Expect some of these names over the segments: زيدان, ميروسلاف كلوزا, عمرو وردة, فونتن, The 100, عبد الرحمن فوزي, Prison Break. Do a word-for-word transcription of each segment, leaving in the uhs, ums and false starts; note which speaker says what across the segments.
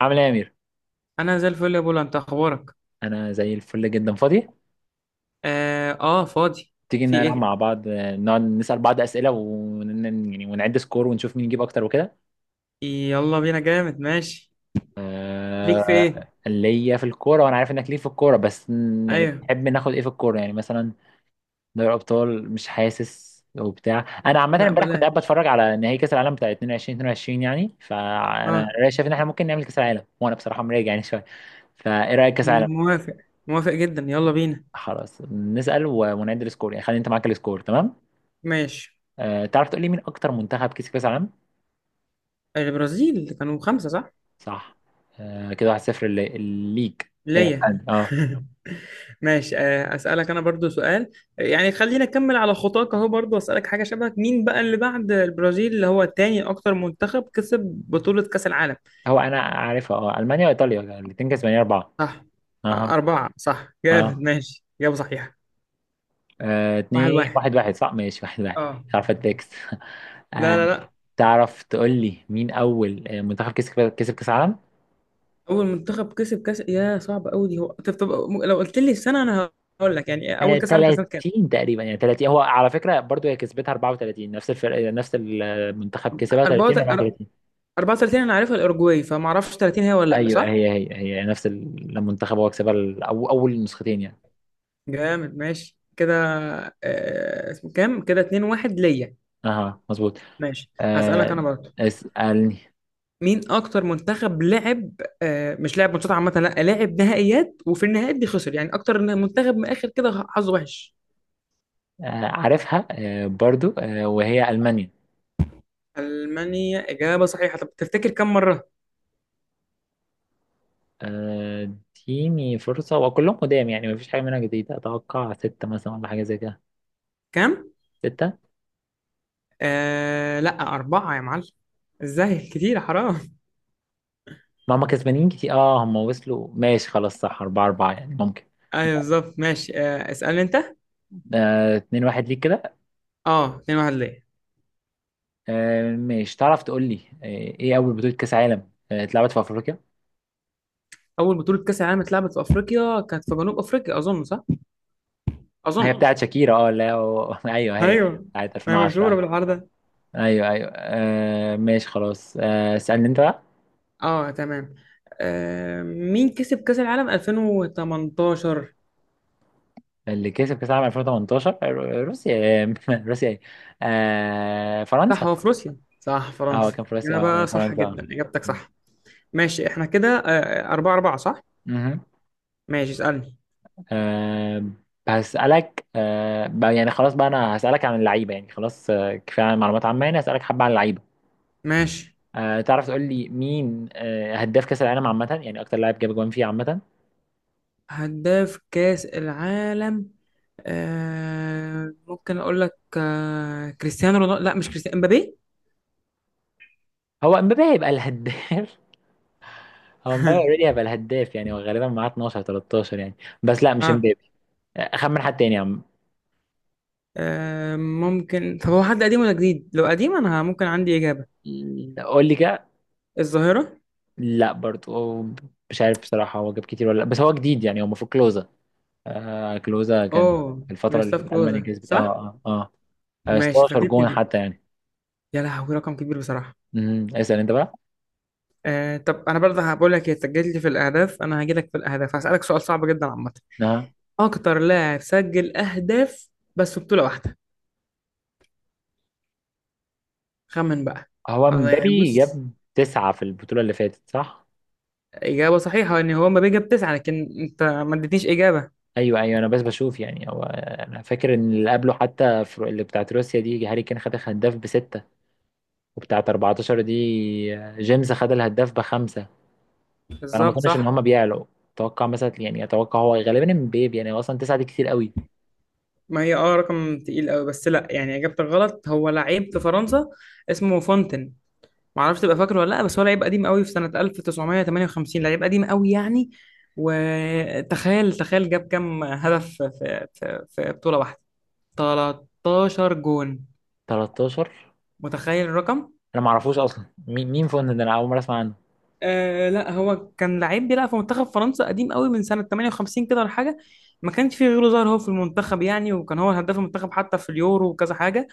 Speaker 1: عامل ايه يا امير؟
Speaker 2: انا زي الفل يا بولا، انت اخبارك؟
Speaker 1: انا زي الفل جدا فاضي.
Speaker 2: اه، آه فاضي.
Speaker 1: تيجي
Speaker 2: في
Speaker 1: نلعب
Speaker 2: ايه؟
Speaker 1: مع بعض، آه، نقعد نسال بعض اسئله ون... يعني ونعد سكور ونشوف مين يجيب اكتر وكده.
Speaker 2: يلا بينا جامد. ماشي. ليك في ايه؟
Speaker 1: آه... ليا في الكوره، وانا عارف انك ليه في الكوره، بس ن- يعني
Speaker 2: ايوه.
Speaker 1: تحب ناخد ايه في الكوره، يعني مثلا دوري ابطال. مش حاسس وبتاع. انا عامه
Speaker 2: لا
Speaker 1: امبارح كنت قاعد
Speaker 2: بلاش.
Speaker 1: بتفرج على نهائي كاس العالم بتاع الفين واتناشر اتنين وعشرين يعني، فانا
Speaker 2: اه.
Speaker 1: رأيي شايف ان احنا ممكن نعمل كاس العالم، وانا بصراحه مراجع يعني شويه. فايه رايك كاس العالم؟
Speaker 2: موافق. موافق جدا، يلا بينا.
Speaker 1: خلاص نسال و- ونعد السكور، يعني خلي انت معاك السكور، تمام.
Speaker 2: ماشي.
Speaker 1: آه، تعرف تقول لي مين اكتر منتخب كسب كاس العالم؟
Speaker 2: آه، البرازيل كانوا خمسة، صح؟
Speaker 1: صح. آه، كده واحد صفر لي- ليك اه
Speaker 2: ليا.
Speaker 1: آه.
Speaker 2: ماشي، آه اسالك انا برضو سؤال. يعني خلينا نكمل على خطاك اهو، برضو اسالك حاجة شبهك. مين بقى اللي بعد البرازيل، اللي هو تاني اكتر منتخب كسب بطولة كأس العالم؟
Speaker 1: هو انا عارفها، اه المانيا وايطاليا الاثنين كسبانين اربعه.
Speaker 2: صح. آه،
Speaker 1: اها.
Speaker 2: أربعة صح. جامد.
Speaker 1: اه.
Speaker 2: ماشي، إجابة صحيحة.
Speaker 1: آه،
Speaker 2: واحد
Speaker 1: اتنين
Speaker 2: واحد
Speaker 1: واحد واحد، صح ماشي، واحد واحد.
Speaker 2: اه.
Speaker 1: مش عارف التكست.
Speaker 2: لا
Speaker 1: آه،
Speaker 2: لا لا.
Speaker 1: تعرف تقول لي مين اول، آه، منتخب كسب كسب كاس العالم؟
Speaker 2: اول منتخب كسب كاس؟ يا صعب قوي دي. هو طب طب م- لو قلت لي السنه انا هقول لك، يعني اول
Speaker 1: آه،
Speaker 2: كاس عالم كان سنه كام؟
Speaker 1: ثلاثين تقريبا يعني، ثلاثين هو على فكره، برضو هي كسبتها اربعة وتلاتين، نفس الفرق نفس المنتخب كسبها ثلاثين،
Speaker 2: أربعة وتلاتين
Speaker 1: اربعة وتلاتين.
Speaker 2: أربعة وتلاتين انا عارفها الاوروجواي، فما اعرفش تلاتين هي ولا لا،
Speaker 1: ايوه،
Speaker 2: صح؟
Speaker 1: هي هي هي نفس المنتخب هو كسبها، الأو- اول نسختين يعني.
Speaker 2: جامد، ماشي كده. آه، اسمه كام كده؟ اتنين واحد ليا.
Speaker 1: اها مظبوط.
Speaker 2: ماشي، هسألك
Speaker 1: آه،
Speaker 2: انا برضه.
Speaker 1: اسألني.
Speaker 2: مين اكتر منتخب لعب، آه، مش لعب ماتشات عامه، لا لعب نهائيات، وفي النهائيات دي خسر، يعني اكتر منتخب من اخر كده حظه وحش؟
Speaker 1: آه، عارفها، آه، برضو، آه، وهي ألمانيا.
Speaker 2: المانيا اجابه صحيحه. طب تفتكر كم مره؟
Speaker 1: آه، اديني فرصة، وكلهم قدام يعني، مفيش حاجة منها جديدة. أتوقع ستة مثلا ولا حاجة زي كده.
Speaker 2: كام؟
Speaker 1: ستة.
Speaker 2: آه لا، أربعة يا معلم. ازاي كتير حرام؟
Speaker 1: ما هم كسبانين كتير. اه، هم وصلوا ماشي خلاص. صح، أربعة أربعة يعني ممكن.
Speaker 2: ايوه بالظبط. ماشي، آه اسألني انت.
Speaker 1: آه، اتنين واحد ليك كده.
Speaker 2: اه، اتنين واحد ليه.
Speaker 1: آه، ماشي، تعرف تقول لي، آه، ايه أول بطولة كأس عالم آه، اتلعبت في أفريقيا؟
Speaker 2: اول بطولة كأس العالم اتلعبت في افريقيا، كانت في جنوب افريقيا اظن، صح؟
Speaker 1: هي،
Speaker 2: اظن.
Speaker 1: اه بتاعت شاكيرا. اه لا، هو- أيوه هي
Speaker 2: ايوه،
Speaker 1: بتاعت
Speaker 2: ما هي مشهورة
Speaker 1: الفين وعشرة.
Speaker 2: بالحوار ده.
Speaker 1: ايوه ايوه، آه ماشي خلاص. آه اسالني انت بقى.
Speaker 2: اه تمام. آه مين كسب كأس العالم الفين وتمنتاشر؟
Speaker 1: اللي كسب كاس العالم الفين وتمنتاشر رو- روسيا. آه، روسيا ايه؟ آه
Speaker 2: صح،
Speaker 1: فرنسا.
Speaker 2: هو في روسيا، صح،
Speaker 1: اه
Speaker 2: فرنسا.
Speaker 1: كان في روسيا،
Speaker 2: إجابة
Speaker 1: اه
Speaker 2: صح
Speaker 1: فرنسا اه.
Speaker 2: جدا، إجابتك صح. ماشي احنا كده آه. آه، أربعة أربعة صح.
Speaker 1: مهم.
Speaker 2: ماشي، اسألني.
Speaker 1: آه هسألك آه بقى- يعني خلاص بقى، انا هسألك عن اللعيبة يعني. خلاص آه، كفاية عن معلومات عامة، يعني هسألك حبة عن اللعيبة.
Speaker 2: ماشي.
Speaker 1: آه تعرف تقول لي مين آه هداف كأس العالم عامة، يعني اكتر لاعب جاب جوان فيه عامة؟
Speaker 2: هداف كأس العالم، آه ممكن اقول لك آه كريستيانو رونالدو. لا مش كريستيانو، امبابي.
Speaker 1: هو امبابي هيبقى الهداف؟ هو مبابي اوريدي هيبقى الهداف يعني، هو غالبا معاه اتناشر ثلاثة عشر يعني. بس لا، مش
Speaker 2: اه.
Speaker 1: مبابي. اخمن حد تاني يا عم.
Speaker 2: آه، ممكن، طب هو حد قديم ولا جديد؟ لو قديم انا ممكن عندي اجابة.
Speaker 1: قول لي كده.
Speaker 2: الظاهرة؟
Speaker 1: لا برضه هو. مش عارف بصراحة، هو جاب كتير ولا لا، بس هو جديد يعني. هو المفروض كلوزا. آه كلوزا كان
Speaker 2: اه،
Speaker 1: في الفترة
Speaker 2: ميروسلاف
Speaker 1: اللي ألمانيا
Speaker 2: كلوزا،
Speaker 1: كسبت،
Speaker 2: صح؟
Speaker 1: اه اه اه
Speaker 2: ماشي،
Speaker 1: ستاشر
Speaker 2: فاتتني
Speaker 1: جون
Speaker 2: دي.
Speaker 1: حتى يعني.
Speaker 2: يا لهوي رقم كبير بصراحة.
Speaker 1: امم اسأل انت بقى.
Speaker 2: آه طب انا برضه هقول لك. هي سجلت لي في الاهداف انا هاجي لك في الاهداف، هسألك سؤال صعب جدا عامة.
Speaker 1: اه،
Speaker 2: اكتر لاعب سجل اهداف بس في بطولة واحدة. خمن بقى.
Speaker 1: هو
Speaker 2: الله، يعني
Speaker 1: مبابي
Speaker 2: بص.
Speaker 1: جاب تسعة في البطولة اللي فاتت، صح؟
Speaker 2: إجابة صحيحة إن هو مبابي جاب تسعة، لكن أنت ما اديتنيش إجابة.
Speaker 1: ايوه ايوه، انا بس بشوف يعني. هو انا فاكر ان اللي قبله حتى في- اللي بتاعت روسيا دي، هاري كين خد هداف بستة. وبتاعة اربعة عشر دي جيمس خد الهداف بخمسة. فأنا ما
Speaker 2: بالظبط
Speaker 1: أظنش إن
Speaker 2: صح.
Speaker 1: هما بيعلوا. أتوقع مثلا يعني، أتوقع هو غالبا امبابي يعني، هو أصلا تسعة دي كتير قوي.
Speaker 2: ما هي أه رقم تقيل أوي، بس لأ يعني إجابتك غلط. هو لعيب في فرنسا اسمه فونتن. معرفش تبقى فاكره ولا لأ، بس هو لعيب قديم أوي في سنة ألف تسعمية تمانية وخمسين. لعيب قديم أوي يعني. وتخيل تخيل جاب كام هدف في في في بطولة واحدة؟ تلتاشر جون.
Speaker 1: تلتاشر.
Speaker 2: متخيل الرقم؟
Speaker 1: أنا ما أعرفوش أصلا، مين مين فون ده؟ أنا أول مرة أسمع عنه.
Speaker 2: آه لا هو كان لعيب بيلعب في منتخب فرنسا قديم قوي من سنة تمانية وخمسين كده ولا حاجة. ما كانش فيه غيره ظاهر هو في المنتخب يعني، وكان هو هداف المنتخب حتى في اليورو وكذا حاجة.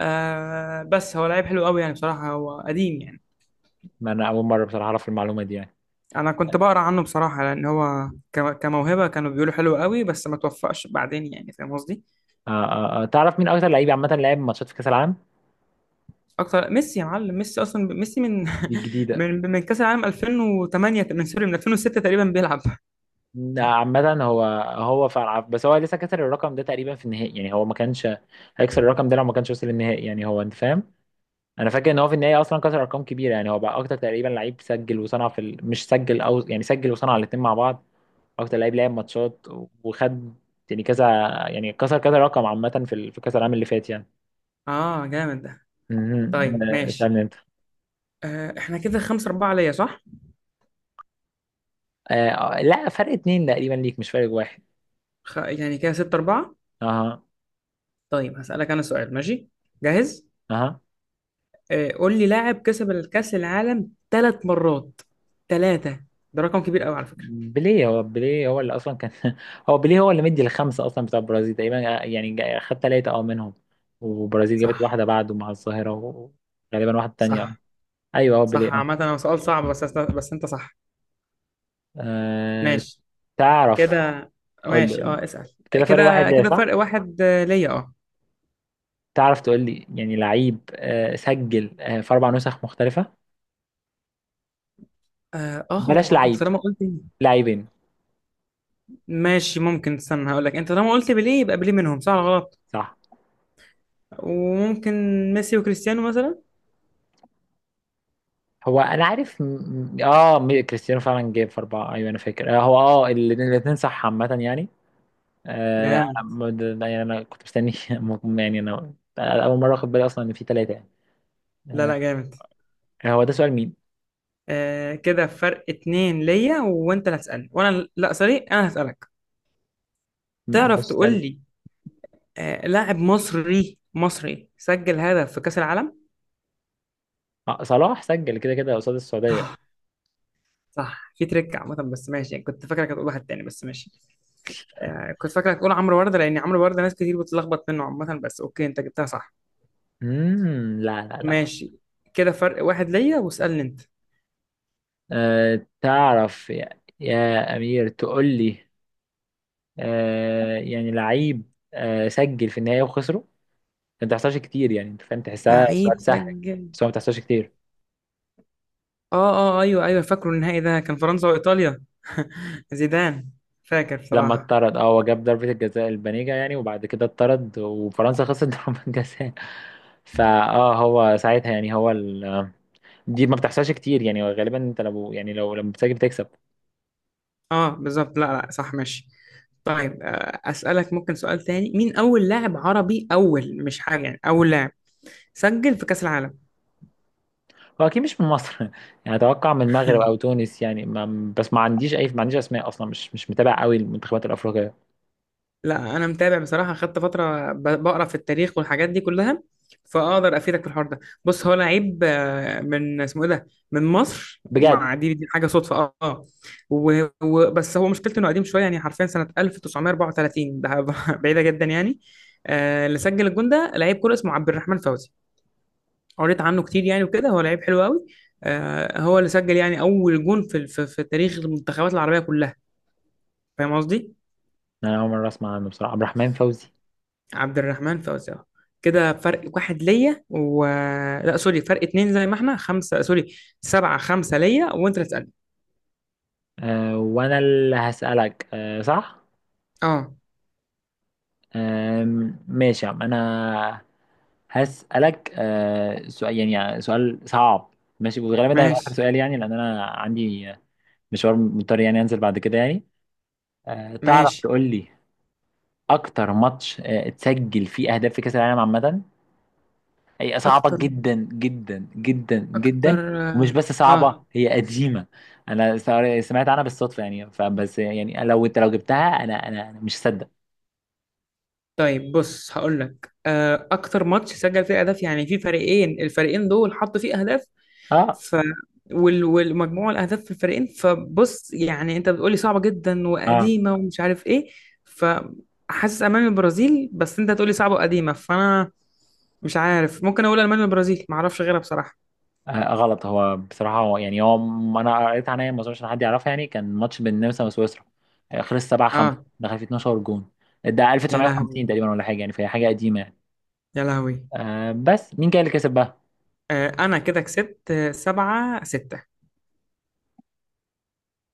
Speaker 2: آه بس هو لعيب حلو قوي يعني، بصراحة هو قديم يعني.
Speaker 1: ما أنا أول مرة بصراحة أعرف المعلومة دي يعني.
Speaker 2: أنا كنت بقرأ عنه بصراحة، لأن هو ك- كموهبة كانوا بيقولوا حلو قوي بس ما توفقش بعدين، يعني فاهم قصدي.
Speaker 1: آه آه آه. تعرف مين أكتر لعيب عامة لعب ماتشات في كأس العالم؟
Speaker 2: أكتر، ميسي يا معلم. ميسي أصلا، ميسي من
Speaker 1: دي جديدة.
Speaker 2: من من كأس العالم الفين وتمانية، من سوري من الفين وستة تقريبا بيلعب.
Speaker 1: عامة، هو هو فعلا، بس هو لسه كسر الرقم ده تقريبا في النهائي يعني. هو ما كانش هيكسر الرقم ده لو ما كانش وصل للنهائي، يعني هو، أنت فاهم؟ انا فاكر ان هو في النهايه اصلا كسر ارقام كبيره، يعني هو بقى اكتر تقريبا لعيب سجل وصنع في ال... مش سجل او، يعني سجل وصنع الاثنين مع بعض. اكتر لعيب لعب ماتشات وخد، يعني كذا، يعني كسر كذا رقم عامه في ال... في كاس العالم اللي فات يعني.
Speaker 2: آه جامد ده.
Speaker 1: مهم.
Speaker 2: طيب
Speaker 1: آه،
Speaker 2: ماشي.
Speaker 1: سألني انت.
Speaker 2: آه، احنا كده خمسة أربعة ليا، صح؟
Speaker 1: آه، آه، لا، فرق اتنين تقريبا ليك، مش فرق واحد.
Speaker 2: خ... يعني كده ستة أربعة.
Speaker 1: اها
Speaker 2: طيب هسألك أنا سؤال. ماشي جاهز؟
Speaker 1: اها،
Speaker 2: آه، قول لي لاعب كسب الكأس العالم ثلاث مرات. ثلاثة ده رقم كبير قوي على فكرة.
Speaker 1: بيليه. هو بيليه هو اللي اصلا كان. هو بيليه هو اللي مدي الخمسه اصلا بتاع البرازيل تقريبا، آه، يعني جا- خد ثلاثه اه منهم. والبرازيل جابت
Speaker 2: صح.
Speaker 1: واحده بعده مع الظاهره. وغالبا واحده تانيه اه.
Speaker 2: صح
Speaker 1: ايوه هو بيليه
Speaker 2: صح عامة
Speaker 1: اه.
Speaker 2: هو سؤال صعب، بس أست... بس أنت صح.
Speaker 1: أه
Speaker 2: ماشي
Speaker 1: تعرف؟
Speaker 2: كده.
Speaker 1: قول لي
Speaker 2: ماشي،
Speaker 1: قول لي.
Speaker 2: أه اسأل.
Speaker 1: كده فرق واحد
Speaker 2: كده
Speaker 1: ليا،
Speaker 2: كده فرق
Speaker 1: صح؟
Speaker 2: واحد آه، ليا أه.
Speaker 1: تعرف تقول لي يعني لعيب أه سجل أه في أربع نسخ مختلفة؟
Speaker 2: اه، آه،
Speaker 1: بلاش
Speaker 2: هو انت
Speaker 1: لعيب،
Speaker 2: طالما قلت.
Speaker 1: لاعبين.
Speaker 2: ماشي ممكن، استنى هقول لك. انت طالما قلت بيليه يبقى بيليه منهم، صح ولا غلط؟
Speaker 1: صح،
Speaker 2: وممكن ميسي وكريستيانو مثلا.
Speaker 1: هو أنا عارف م... م- اه م- كريستيانو فعلا جاب في أربعة. أيوه أنا فاكر أه هو، اه الاثنين صح عامة يعني. أه أنا
Speaker 2: جامد.
Speaker 1: م- ده- ده- يعني أنا كنت مستني. م- يعني أنا أول مرة أخد بالي أصلا إن في ثلاثة يعني.
Speaker 2: لا
Speaker 1: أه.
Speaker 2: لا، جامد.
Speaker 1: هو ده سؤال مين؟
Speaker 2: آه كده فرق اتنين ليا، وانت اللي هتسألني وانا. لا سوري، انا هسألك.
Speaker 1: م-
Speaker 2: تعرف
Speaker 1: ماشي
Speaker 2: تقول
Speaker 1: سألني.
Speaker 2: لي آه لاعب مصري مصري سجل هدف في كأس العالم؟
Speaker 1: آه، صلاح سجل كده كده قصاد السعودية.
Speaker 2: صح، في تريك عامة بس ماشي. يعني كنت فاكرك هتقول واحد تاني بس ماشي. آه كنت فاكرك هتقول عمرو وردة، لان عمرو وردة ناس كتير بتتلخبط منه عامة، بس اوكي انت جبتها صح.
Speaker 1: امم لا لا لا.
Speaker 2: ماشي. كده فرق واحد ليا، واسألني انت.
Speaker 1: أه تعرف يا, يا أمير تقول لي، أه يعني لعيب أه سجل في النهاية وخسره؟ ما بتحصلش كتير، يعني أنت فاهم، تحسها
Speaker 2: لعيب
Speaker 1: سؤال سهل.
Speaker 2: سجل،
Speaker 1: بس هو ما بتحصلش كتير.
Speaker 2: اه اه. آه، ايوه ايوه فاكره. النهائي ده كان فرنسا وايطاليا. زيدان، فاكر
Speaker 1: لما
Speaker 2: بصراحة.
Speaker 1: اتطرد، اه هو جاب ضربة الجزاء البنيجة يعني، وبعد كده اتطرد وفرنسا خسرت ضربة الجزاء. فاه هو ساعتها يعني هو ال... دي ما بتحصلش كتير، يعني غالبا انت لو، يعني لو لما بتسجل بتكسب.
Speaker 2: اه بالظبط، لا لا صح، ماشي. طيب، آه، اسالك ممكن سؤال تاني. مين اول لاعب عربي، اول مش حاجه يعني اول لاعب سجل في كاس العالم؟
Speaker 1: هو اكيد مش من مصر، يعني اتوقع من المغرب او تونس، يعني ما، بس ما عنديش اي، ما عنديش اسماء اصلا، مش مش متابع قوي المنتخبات الافريقيه.
Speaker 2: لا انا متابع بصراحه، خدت فتره ب- بقرا في التاريخ والحاجات دي كلها. فاقدر افيدك في الحوار ده. بص هو لعيب آه، من اسمه ايه ده، من مصر،
Speaker 1: بجد؟
Speaker 2: مع دي دي حاجه صدفه. اه آه. و- و- بس هو مشكلته انه قديم شويه، يعني حرفيا سنه ألف تسعمية أربعة وتلاتين ده. بعيده جدا يعني. آه، اللي سجل الجون ده لعيب كوره اسمه عبد الرحمن فوزي. قريت عنه كتير يعني وكده، هو لعيب حلو قوي. آه هو اللي سجل يعني اول جون في في, في تاريخ المنتخبات العربيه كلها، فاهم قصدي؟
Speaker 1: انا اول مره اسمع عنه بصراحه، عبد الرحمن فوزي.
Speaker 2: عبد الرحمن فوزي. آه، كده فرق واحد ليا و، لا سوري فرق اتنين، زي ما احنا خمسه، سوري سبعه خمسه ليا، وانت اللي تسالني.
Speaker 1: أه وانا اللي هسالك، أه صح.
Speaker 2: اه،
Speaker 1: أه ماشي يا عم، انا هسالك أه سؤال، يعني يعني سؤال صعب. ماشي، وغالبا ده هيبقى اخر
Speaker 2: ماشي.
Speaker 1: سؤال يعني، لان انا عندي مشوار مضطر يعني انزل بعد كده يعني. أه تعرف
Speaker 2: ماشي
Speaker 1: تقول لي اكتر ماتش أه اتسجل فيه اهداف في كاس العالم عامه؟ هي صعبة
Speaker 2: اكتر،
Speaker 1: جدا جدا جدا جدا.
Speaker 2: اكتر
Speaker 1: ومش بس
Speaker 2: اه. آه.
Speaker 1: صعبة، هي قديمة. انا سا- سمعت عنها بالصدفة يعني، فبس يعني لو انت لو جبتها انا انا أنا مش هصدق.
Speaker 2: طيب بص هقول لك، آه اكتر ماتش سجل فيه اهداف يعني في فريقين، الفريقين دول حطوا فيه اهداف،
Speaker 1: اه
Speaker 2: ف وال- والمجموع الاهداف في الفريقين. فبص يعني، انت بتقولي صعبه جدا
Speaker 1: اه،
Speaker 2: وقديمه ومش عارف ايه، فحاسس امان البرازيل، بس انت تقولي صعبه وقديمه فانا مش عارف. ممكن اقول المانيا والبرازيل، ما اعرفش غيرها بصراحه.
Speaker 1: آه، غلط. هو بصراحة هو يعني هو م- انا قريت عنها، ما اظنش إن حد يعرفها يعني. كان ماتش بين النمسا وسويسرا، آه، خلص سبعة خمسة،
Speaker 2: اه.
Speaker 1: دخل فيه اثنا عشر جون. ده
Speaker 2: يا
Speaker 1: الف وتسعمائة وخمسين
Speaker 2: لهوي
Speaker 1: تقريبا ولا حاجة يعني، فهي حاجة قديمة يعني.
Speaker 2: يا لهوي.
Speaker 1: آه بس مين كان اللي كسب بقى؟
Speaker 2: آه انا كده كسبت، آه، سبعة ستة.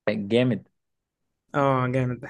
Speaker 1: جامد.
Speaker 2: اه، جامد ده.